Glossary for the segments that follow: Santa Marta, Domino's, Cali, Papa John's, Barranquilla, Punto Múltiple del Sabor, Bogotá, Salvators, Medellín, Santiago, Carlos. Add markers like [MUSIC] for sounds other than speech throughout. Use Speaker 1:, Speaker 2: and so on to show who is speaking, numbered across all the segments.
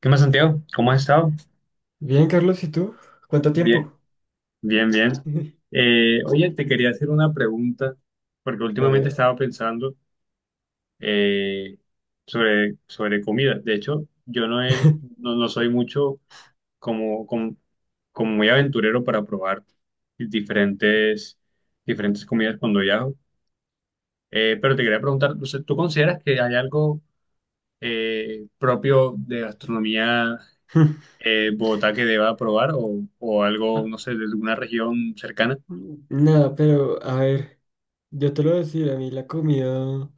Speaker 1: ¿Qué más, Santiago? ¿Cómo has estado?
Speaker 2: Bien, Carlos, ¿y tú? ¿Cuánto
Speaker 1: Bien,
Speaker 2: tiempo?
Speaker 1: bien, bien.
Speaker 2: [LAUGHS]
Speaker 1: Oye, te quería hacer una pregunta, porque
Speaker 2: A
Speaker 1: últimamente
Speaker 2: ver.
Speaker 1: estaba pensando eh, sobre comida. De hecho, yo no, he-
Speaker 2: [LAUGHS]
Speaker 1: no soy mucho como, como, como muy aventurero para probar diferentes, diferentes comidas cuando viajo. Pero te quería preguntar, o sea, ¿tú consideras que hay algo propio de gastronomía, Bogotá, que deba probar o algo,
Speaker 2: Ah,
Speaker 1: no sé, de alguna región cercana?
Speaker 2: nada, pero a ver, yo te lo voy a decir, a mí la comida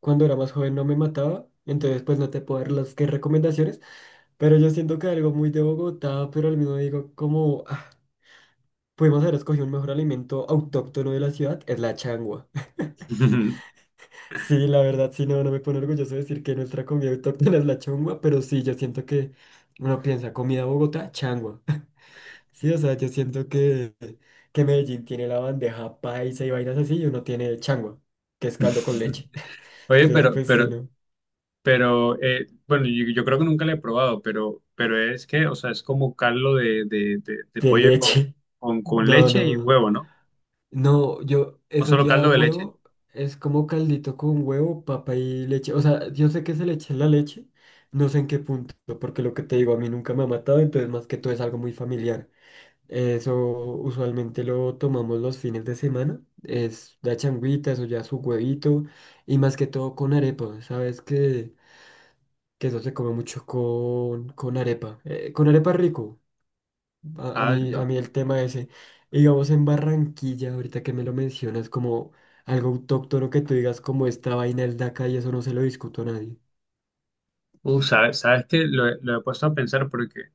Speaker 2: cuando era más joven no me mataba, entonces pues no te puedo dar las que recomendaciones, pero yo siento que algo muy de Bogotá, pero al mismo digo como, ah, pudimos haber escogido un mejor alimento autóctono de la ciudad, es la changua. [LAUGHS]
Speaker 1: [LAUGHS]
Speaker 2: Sí, la verdad, sí, no, no me pone orgulloso decir que nuestra comida autóctona es la changua, pero sí, yo siento que uno piensa comida Bogotá, changua. Sí, o sea, yo siento que Medellín tiene la bandeja paisa y vainas así y uno tiene changua, que es caldo con leche. [LAUGHS]
Speaker 1: Oye,
Speaker 2: Entonces, pues sí, ¿no?
Speaker 1: bueno, yo creo que nunca la he probado, pero es que, o sea, es como caldo de
Speaker 2: De
Speaker 1: pollo con,
Speaker 2: leche. [LAUGHS]
Speaker 1: con, con
Speaker 2: No,
Speaker 1: leche y
Speaker 2: no.
Speaker 1: huevo, ¿no?
Speaker 2: No, yo,
Speaker 1: ¿O
Speaker 2: eso
Speaker 1: solo
Speaker 2: ya
Speaker 1: caldo de leche?
Speaker 2: huevo, es como caldito con huevo, papa y leche. O sea, yo sé que se le echa la leche, no sé en qué punto, porque lo que te digo, a mí nunca me ha matado, entonces más que todo es algo muy familiar. Eso usualmente lo tomamos los fines de semana. Es la changuita, eso ya su huevito. Y más que todo con arepa. Sabes que eso se come mucho con arepa. Con arepa rico.
Speaker 1: Ah,
Speaker 2: A
Speaker 1: no.
Speaker 2: mí el tema ese. Y digamos en Barranquilla, ahorita que me lo mencionas, como algo autóctono que tú digas como esta vaina es de acá y eso no se lo discuto a nadie.
Speaker 1: Sabes que lo he puesto a pensar porque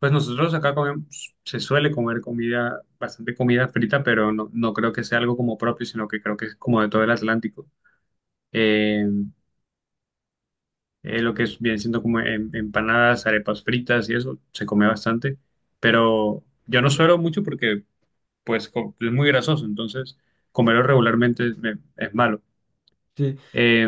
Speaker 1: pues nosotros acá comemos, se suele comer comida, bastante comida frita, pero no creo que sea algo como propio, sino que creo que es como de todo el Atlántico. Eh, lo que es, viene siendo como empanadas, arepas fritas y eso, se come bastante, pero yo no suelo mucho porque pues es muy grasoso, entonces comerlo regularmente es malo.
Speaker 2: Sí.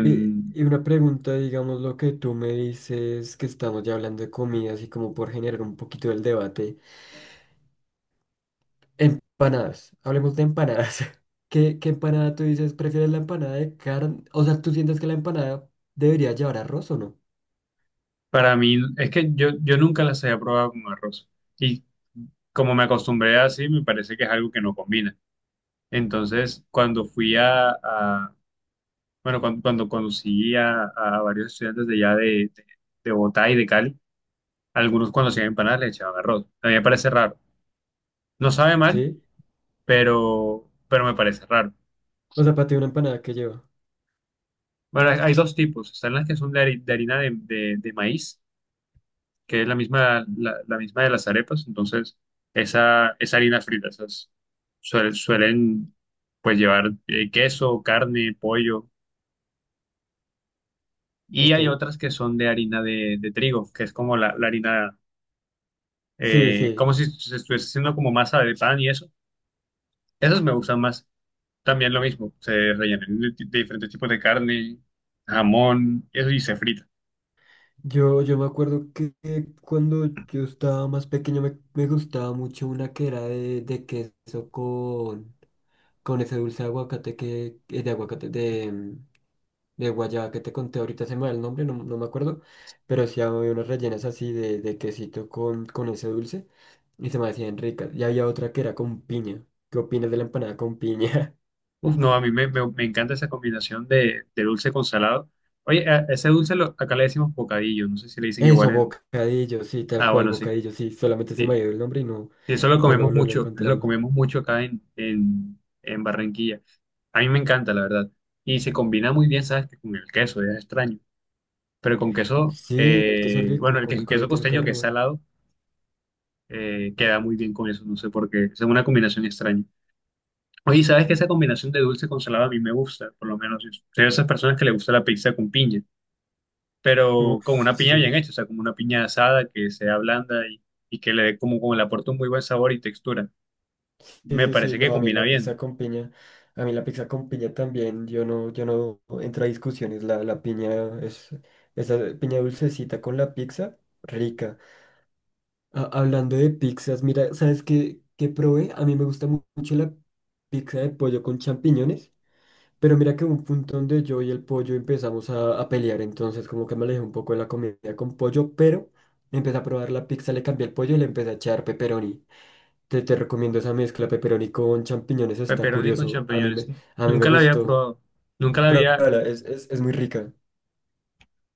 Speaker 2: Y una pregunta, digamos, lo que tú me dices, que estamos ya hablando de comida, así como por generar un poquito el debate. Empanadas, hablemos de empanadas. [LAUGHS] ¿Qué, qué empanada tú dices? ¿Prefieres la empanada de carne? O sea, ¿tú sientes que la empanada debería llevar arroz o no?
Speaker 1: para mí, es que yo nunca las había probado con arroz y como me acostumbré así, me parece que es algo que no combina. Entonces, cuando fui a- bueno, cuando conocí a varios estudiantes de allá de, de Bogotá y de Cali, algunos cuando hacían empanadas le echaban arroz. A mí me parece raro. No sabe mal,
Speaker 2: Sí.
Speaker 1: pero me parece raro.
Speaker 2: O sea, para ti una empanada que lleva.
Speaker 1: Bueno, hay dos tipos. Están las que son de harina de maíz, que es la misma, la misma de las arepas. Entonces, esa harina frita, esas
Speaker 2: Ujú.
Speaker 1: suelen pues llevar queso, carne, pollo. Y
Speaker 2: Ok.
Speaker 1: hay otras que son de harina de trigo, que es como la harina,
Speaker 2: Sí,
Speaker 1: como
Speaker 2: sí.
Speaker 1: si se estuviese haciendo como masa de pan y eso. Esas me gustan más. También lo mismo, se rellena de diferentes tipos de carne, jamón, eso y se frita.
Speaker 2: Yo me acuerdo que cuando yo estaba más pequeño me, me gustaba mucho una que era de queso con ese dulce de aguacate que, de aguacate, de, mm, de guayaba que te conté ahorita, se me va el nombre, no, no me acuerdo, pero sí había unas rellenas así de quesito con ese dulce y se me hacían ricas. Y había otra que era con piña. ¿Qué opinas de la empanada con piña?
Speaker 1: Uf, no, a mí me encanta esa combinación de dulce con salado. Oye, ese dulce acá le decimos bocadillo, no sé si le
Speaker 2: [LAUGHS]
Speaker 1: dicen igual
Speaker 2: Eso,
Speaker 1: en.
Speaker 2: bocadillo, sí, tal
Speaker 1: Ah,
Speaker 2: cual,
Speaker 1: bueno, sí,
Speaker 2: bocadillo, sí, solamente se me ha
Speaker 1: sí.
Speaker 2: ido el nombre y no,
Speaker 1: Sí, eso
Speaker 2: no lo, no lo
Speaker 1: lo
Speaker 2: encontraba.
Speaker 1: comemos mucho acá en Barranquilla. A mí me encanta, la verdad. Y se combina muy bien, ¿sabes? Que con el queso, es extraño. Pero con queso,
Speaker 2: Sí, el queso
Speaker 1: bueno,
Speaker 2: rico,
Speaker 1: el, que- el
Speaker 2: con el
Speaker 1: queso
Speaker 2: queso queda
Speaker 1: costeño que
Speaker 2: re
Speaker 1: es
Speaker 2: bueno.
Speaker 1: salado, queda muy bien con eso, no sé por qué. Es una combinación extraña. Oye, ¿sabes que esa combinación de dulce con salado a mí me gusta? Por lo menos yo soy de esas personas que le gusta la pizza con piña, pero
Speaker 2: Uf,
Speaker 1: con una piña bien
Speaker 2: sí.
Speaker 1: hecha, o sea, como una piña asada que sea blanda y que le dé como, le aporte un muy buen sabor y textura.
Speaker 2: Sí,
Speaker 1: Me
Speaker 2: sí, sí,
Speaker 1: parece que
Speaker 2: no, a mí
Speaker 1: combina
Speaker 2: la
Speaker 1: bien.
Speaker 2: pizza con piña, a mí la pizza con piña también, yo no, yo no entro a discusiones, la piña es, esa piña dulcecita con la pizza, rica. Ah, hablando de pizzas, mira, ¿sabes qué, qué probé? A mí me gusta mucho la pizza de pollo con champiñones, pero mira que hubo un punto donde yo y el pollo empezamos a pelear, entonces como que me alejé un poco de la comida con pollo, pero empecé a probar la pizza, le cambié el pollo y le empecé a echar pepperoni. Te recomiendo esa mezcla pepperoni con champiñones, está
Speaker 1: Pepperoni con
Speaker 2: curioso.
Speaker 1: champiñones,
Speaker 2: A mí me
Speaker 1: nunca la había
Speaker 2: gustó.
Speaker 1: probado, nunca la había,
Speaker 2: Pruébala, es muy rica.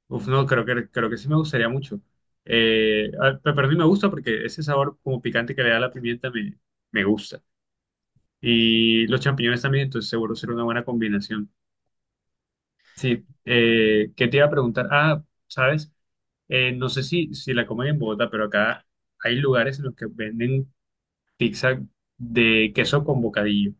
Speaker 1: uf, no, creo que sí me gustaría mucho. Al pepperoni me gusta porque ese sabor como picante que le da la pimienta me gusta. Y los champiñones también, entonces seguro será una buena combinación. Sí, ¿qué te iba a preguntar? Ah, sabes, no sé si la comen en Bogotá, pero acá hay lugares en los que venden pizza de queso con bocadillo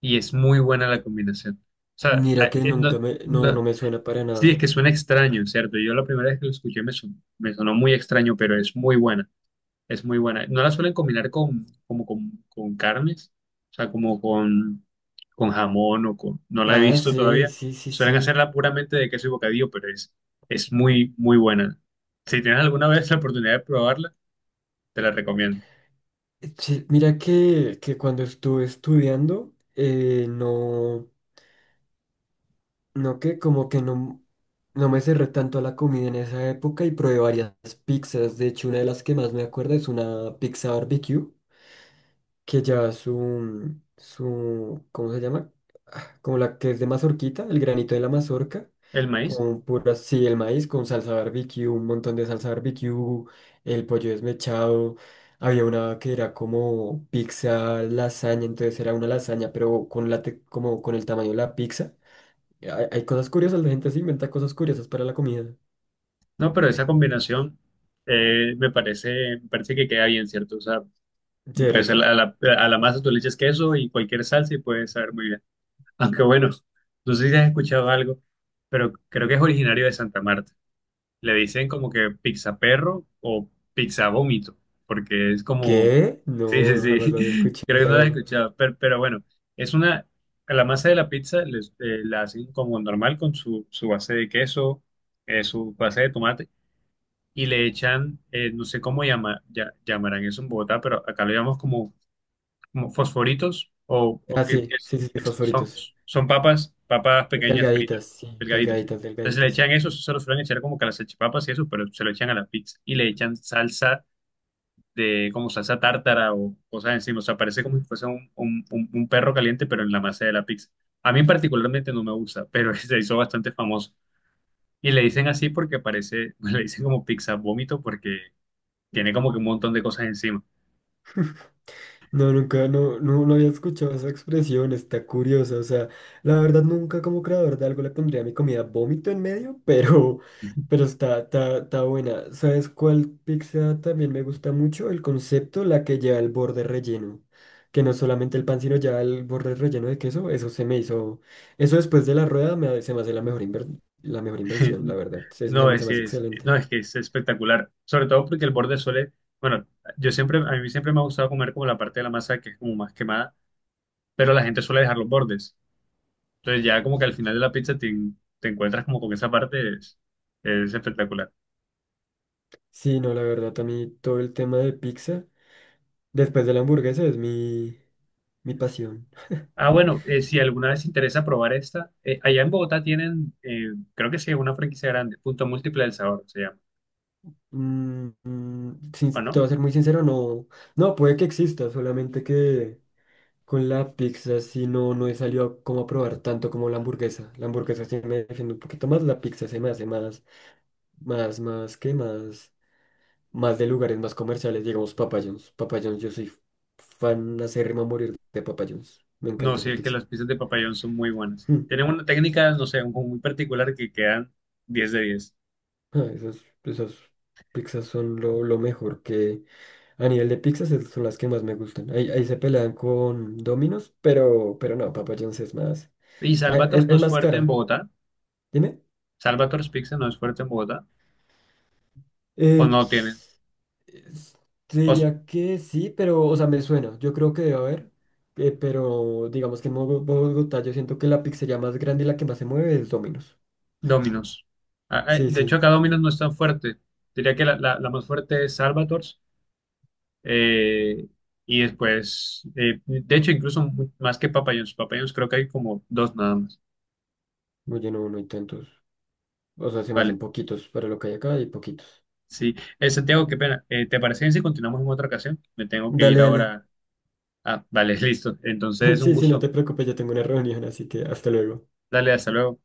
Speaker 1: y es muy buena la combinación. O sea,
Speaker 2: Mira que nunca me, no, no me suena para
Speaker 1: sí, es
Speaker 2: nada.
Speaker 1: que suena extraño, ¿cierto? Yo la primera vez que lo escuché me sonó muy extraño, pero es muy buena. Es muy buena. No la suelen combinar como con carnes, o sea, como con jamón o con. No la he
Speaker 2: Ah,
Speaker 1: visto
Speaker 2: sí,
Speaker 1: todavía.
Speaker 2: sí, sí,
Speaker 1: Suelen
Speaker 2: sí.
Speaker 1: hacerla puramente de queso y bocadillo, pero es muy, muy buena. Si tienes alguna vez la oportunidad de probarla, te la recomiendo.
Speaker 2: Sí, mira que cuando estuve estudiando, no, no que como que no, no me cerré tanto a la comida en esa época y probé varias pizzas. De hecho, una de las que más me acuerdo es una pizza barbecue que lleva su, su, ¿cómo se llama? Ah, como la que es de mazorquita, el granito de la mazorca,
Speaker 1: El maíz,
Speaker 2: con pura, sí, el maíz, con salsa barbecue, un montón de salsa barbecue, el pollo desmechado. Había una que era como pizza lasaña, entonces era una lasaña, pero con como con el tamaño de la pizza. Hay cosas curiosas, la gente se inventa cosas curiosas para la comida.
Speaker 1: no, pero esa combinación me parece, que queda bien, ¿cierto? O sea,
Speaker 2: Sí,
Speaker 1: pues a
Speaker 2: rico.
Speaker 1: la, a la, a la masa tú le echas queso y cualquier salsa y puede saber muy bien. [LAUGHS] Aunque bueno, no sé si has escuchado algo, pero creo que es originario de Santa Marta. Le dicen como que pizza perro o pizza vómito, porque es como,
Speaker 2: ¿Qué?
Speaker 1: sí,
Speaker 2: No,
Speaker 1: sí,
Speaker 2: no, jamás lo había
Speaker 1: sí, [LAUGHS] creo que no la he
Speaker 2: escuchado.
Speaker 1: escuchado, pero bueno, es una, a la masa de la pizza la hacen como normal con su base de queso, su base de tomate, y le echan, no sé cómo ya, llamarán eso en Bogotá, pero acá lo llamamos como como fosforitos o
Speaker 2: Ah, sí, sí, sí, sí,
Speaker 1: que son,
Speaker 2: fosforitos.
Speaker 1: son papas, pequeñas fritas,
Speaker 2: Delgaditas, sí,
Speaker 1: delgaditas.
Speaker 2: delgaditas,
Speaker 1: Entonces le
Speaker 2: delgaditas.
Speaker 1: echan eso se lo suelen echar como que a las salchipapas y eso, pero se lo echan a la pizza y le echan salsa de como salsa tártara o cosas encima. O sea, parece como si fuese un perro caliente, pero en la masa de la pizza. A mí particularmente no me gusta, pero [LAUGHS] se hizo bastante famoso. Y le dicen así porque parece, [LAUGHS] le dicen como pizza vómito porque tiene como que un montón de cosas encima.
Speaker 2: [LAUGHS] No, nunca, no, no, no había escuchado esa expresión, está curiosa, o sea, la verdad nunca como creador de algo le pondría a mi comida vómito en medio, [LAUGHS] pero está, está, está buena. ¿Sabes cuál pizza también me gusta mucho? El concepto, la que lleva el borde relleno, que no solamente el pan, sino ya el borde relleno de queso, eso se me hizo, eso después de la rueda me, se me hace la mejor, la mejor invención, la verdad, se
Speaker 1: No,
Speaker 2: me hace
Speaker 1: no,
Speaker 2: excelente.
Speaker 1: es que es espectacular, sobre todo porque el borde suele, bueno, a mí siempre me ha gustado comer como la parte de la masa que es como más quemada, pero la gente suele dejar los bordes. Entonces ya como que al final de la pizza te encuentras como con esa parte, es espectacular.
Speaker 2: Sí, no, la verdad, a mí todo el tema de pizza, después de la hamburguesa, es mi, mi pasión.
Speaker 1: Ah,
Speaker 2: [LAUGHS]
Speaker 1: bueno, si alguna vez te interesa probar esta, allá en Bogotá tienen, creo que sí, una franquicia grande, Punto Múltiple del Sabor se llama,
Speaker 2: Mm, mm,
Speaker 1: ¿o
Speaker 2: te
Speaker 1: no?
Speaker 2: voy a ser muy sincero, no, no, puede que exista, solamente que con la pizza sí no, no he salido como a probar tanto como la hamburguesa. La hamburguesa sí me defiende un poquito más, la pizza se me hace más, más, más, ¿qué más? Más de lugares más comerciales, digamos Papa John's. Papa John's, yo soy fan acérrimo a morir de Papa John's. Me
Speaker 1: No,
Speaker 2: encanta
Speaker 1: sí,
Speaker 2: esa
Speaker 1: es que
Speaker 2: pizza.
Speaker 1: las pizzas de papayón son muy buenas.
Speaker 2: Hmm.
Speaker 1: Tienen una técnica, no sé, muy particular que quedan 10/10.
Speaker 2: Ah, esas, esas pizzas son lo mejor que a nivel de son las que más me gustan. Ahí, ahí se pelean con Domino's, pero no, Papa John's es más.
Speaker 1: ¿Y
Speaker 2: Ah,
Speaker 1: Salvators
Speaker 2: Es,
Speaker 1: no
Speaker 2: es
Speaker 1: es
Speaker 2: más
Speaker 1: fuerte en
Speaker 2: cara.
Speaker 1: Bogotá?
Speaker 2: Dime.
Speaker 1: ¿Salvators Pizza no es fuerte en Bogotá? ¿O
Speaker 2: Eh,
Speaker 1: no tienen?
Speaker 2: s- es- Te
Speaker 1: ¿O
Speaker 2: diría que sí, pero, o sea, me suena. Yo creo que debe haber. Pero digamos que en Bogotá yo siento que la pizzería más grande y la que más se mueve es Domino's.
Speaker 1: Domino's? Ah, ah,
Speaker 2: Sí,
Speaker 1: de hecho,
Speaker 2: sí.
Speaker 1: acá Domino's no es tan fuerte. Diría que la más fuerte es Salvators. eh, y después, de hecho, incluso más que Papa John's. Papa John's creo que hay como dos nada más.
Speaker 2: Oye, no, no hay tantos. O sea, se me hacen
Speaker 1: Vale,
Speaker 2: poquitos para lo que hay acá y poquitos.
Speaker 1: sí. Santiago, qué pena. ¿Te parece bien si continuamos en otra ocasión? Me tengo que ir
Speaker 2: Dale, dale.
Speaker 1: ahora. Ah, vale, [LAUGHS] listo.
Speaker 2: [LAUGHS]
Speaker 1: Entonces, un
Speaker 2: Sí, sí, no
Speaker 1: gusto.
Speaker 2: te preocupes, yo tengo una reunión, así que hasta luego.
Speaker 1: Dale, hasta luego.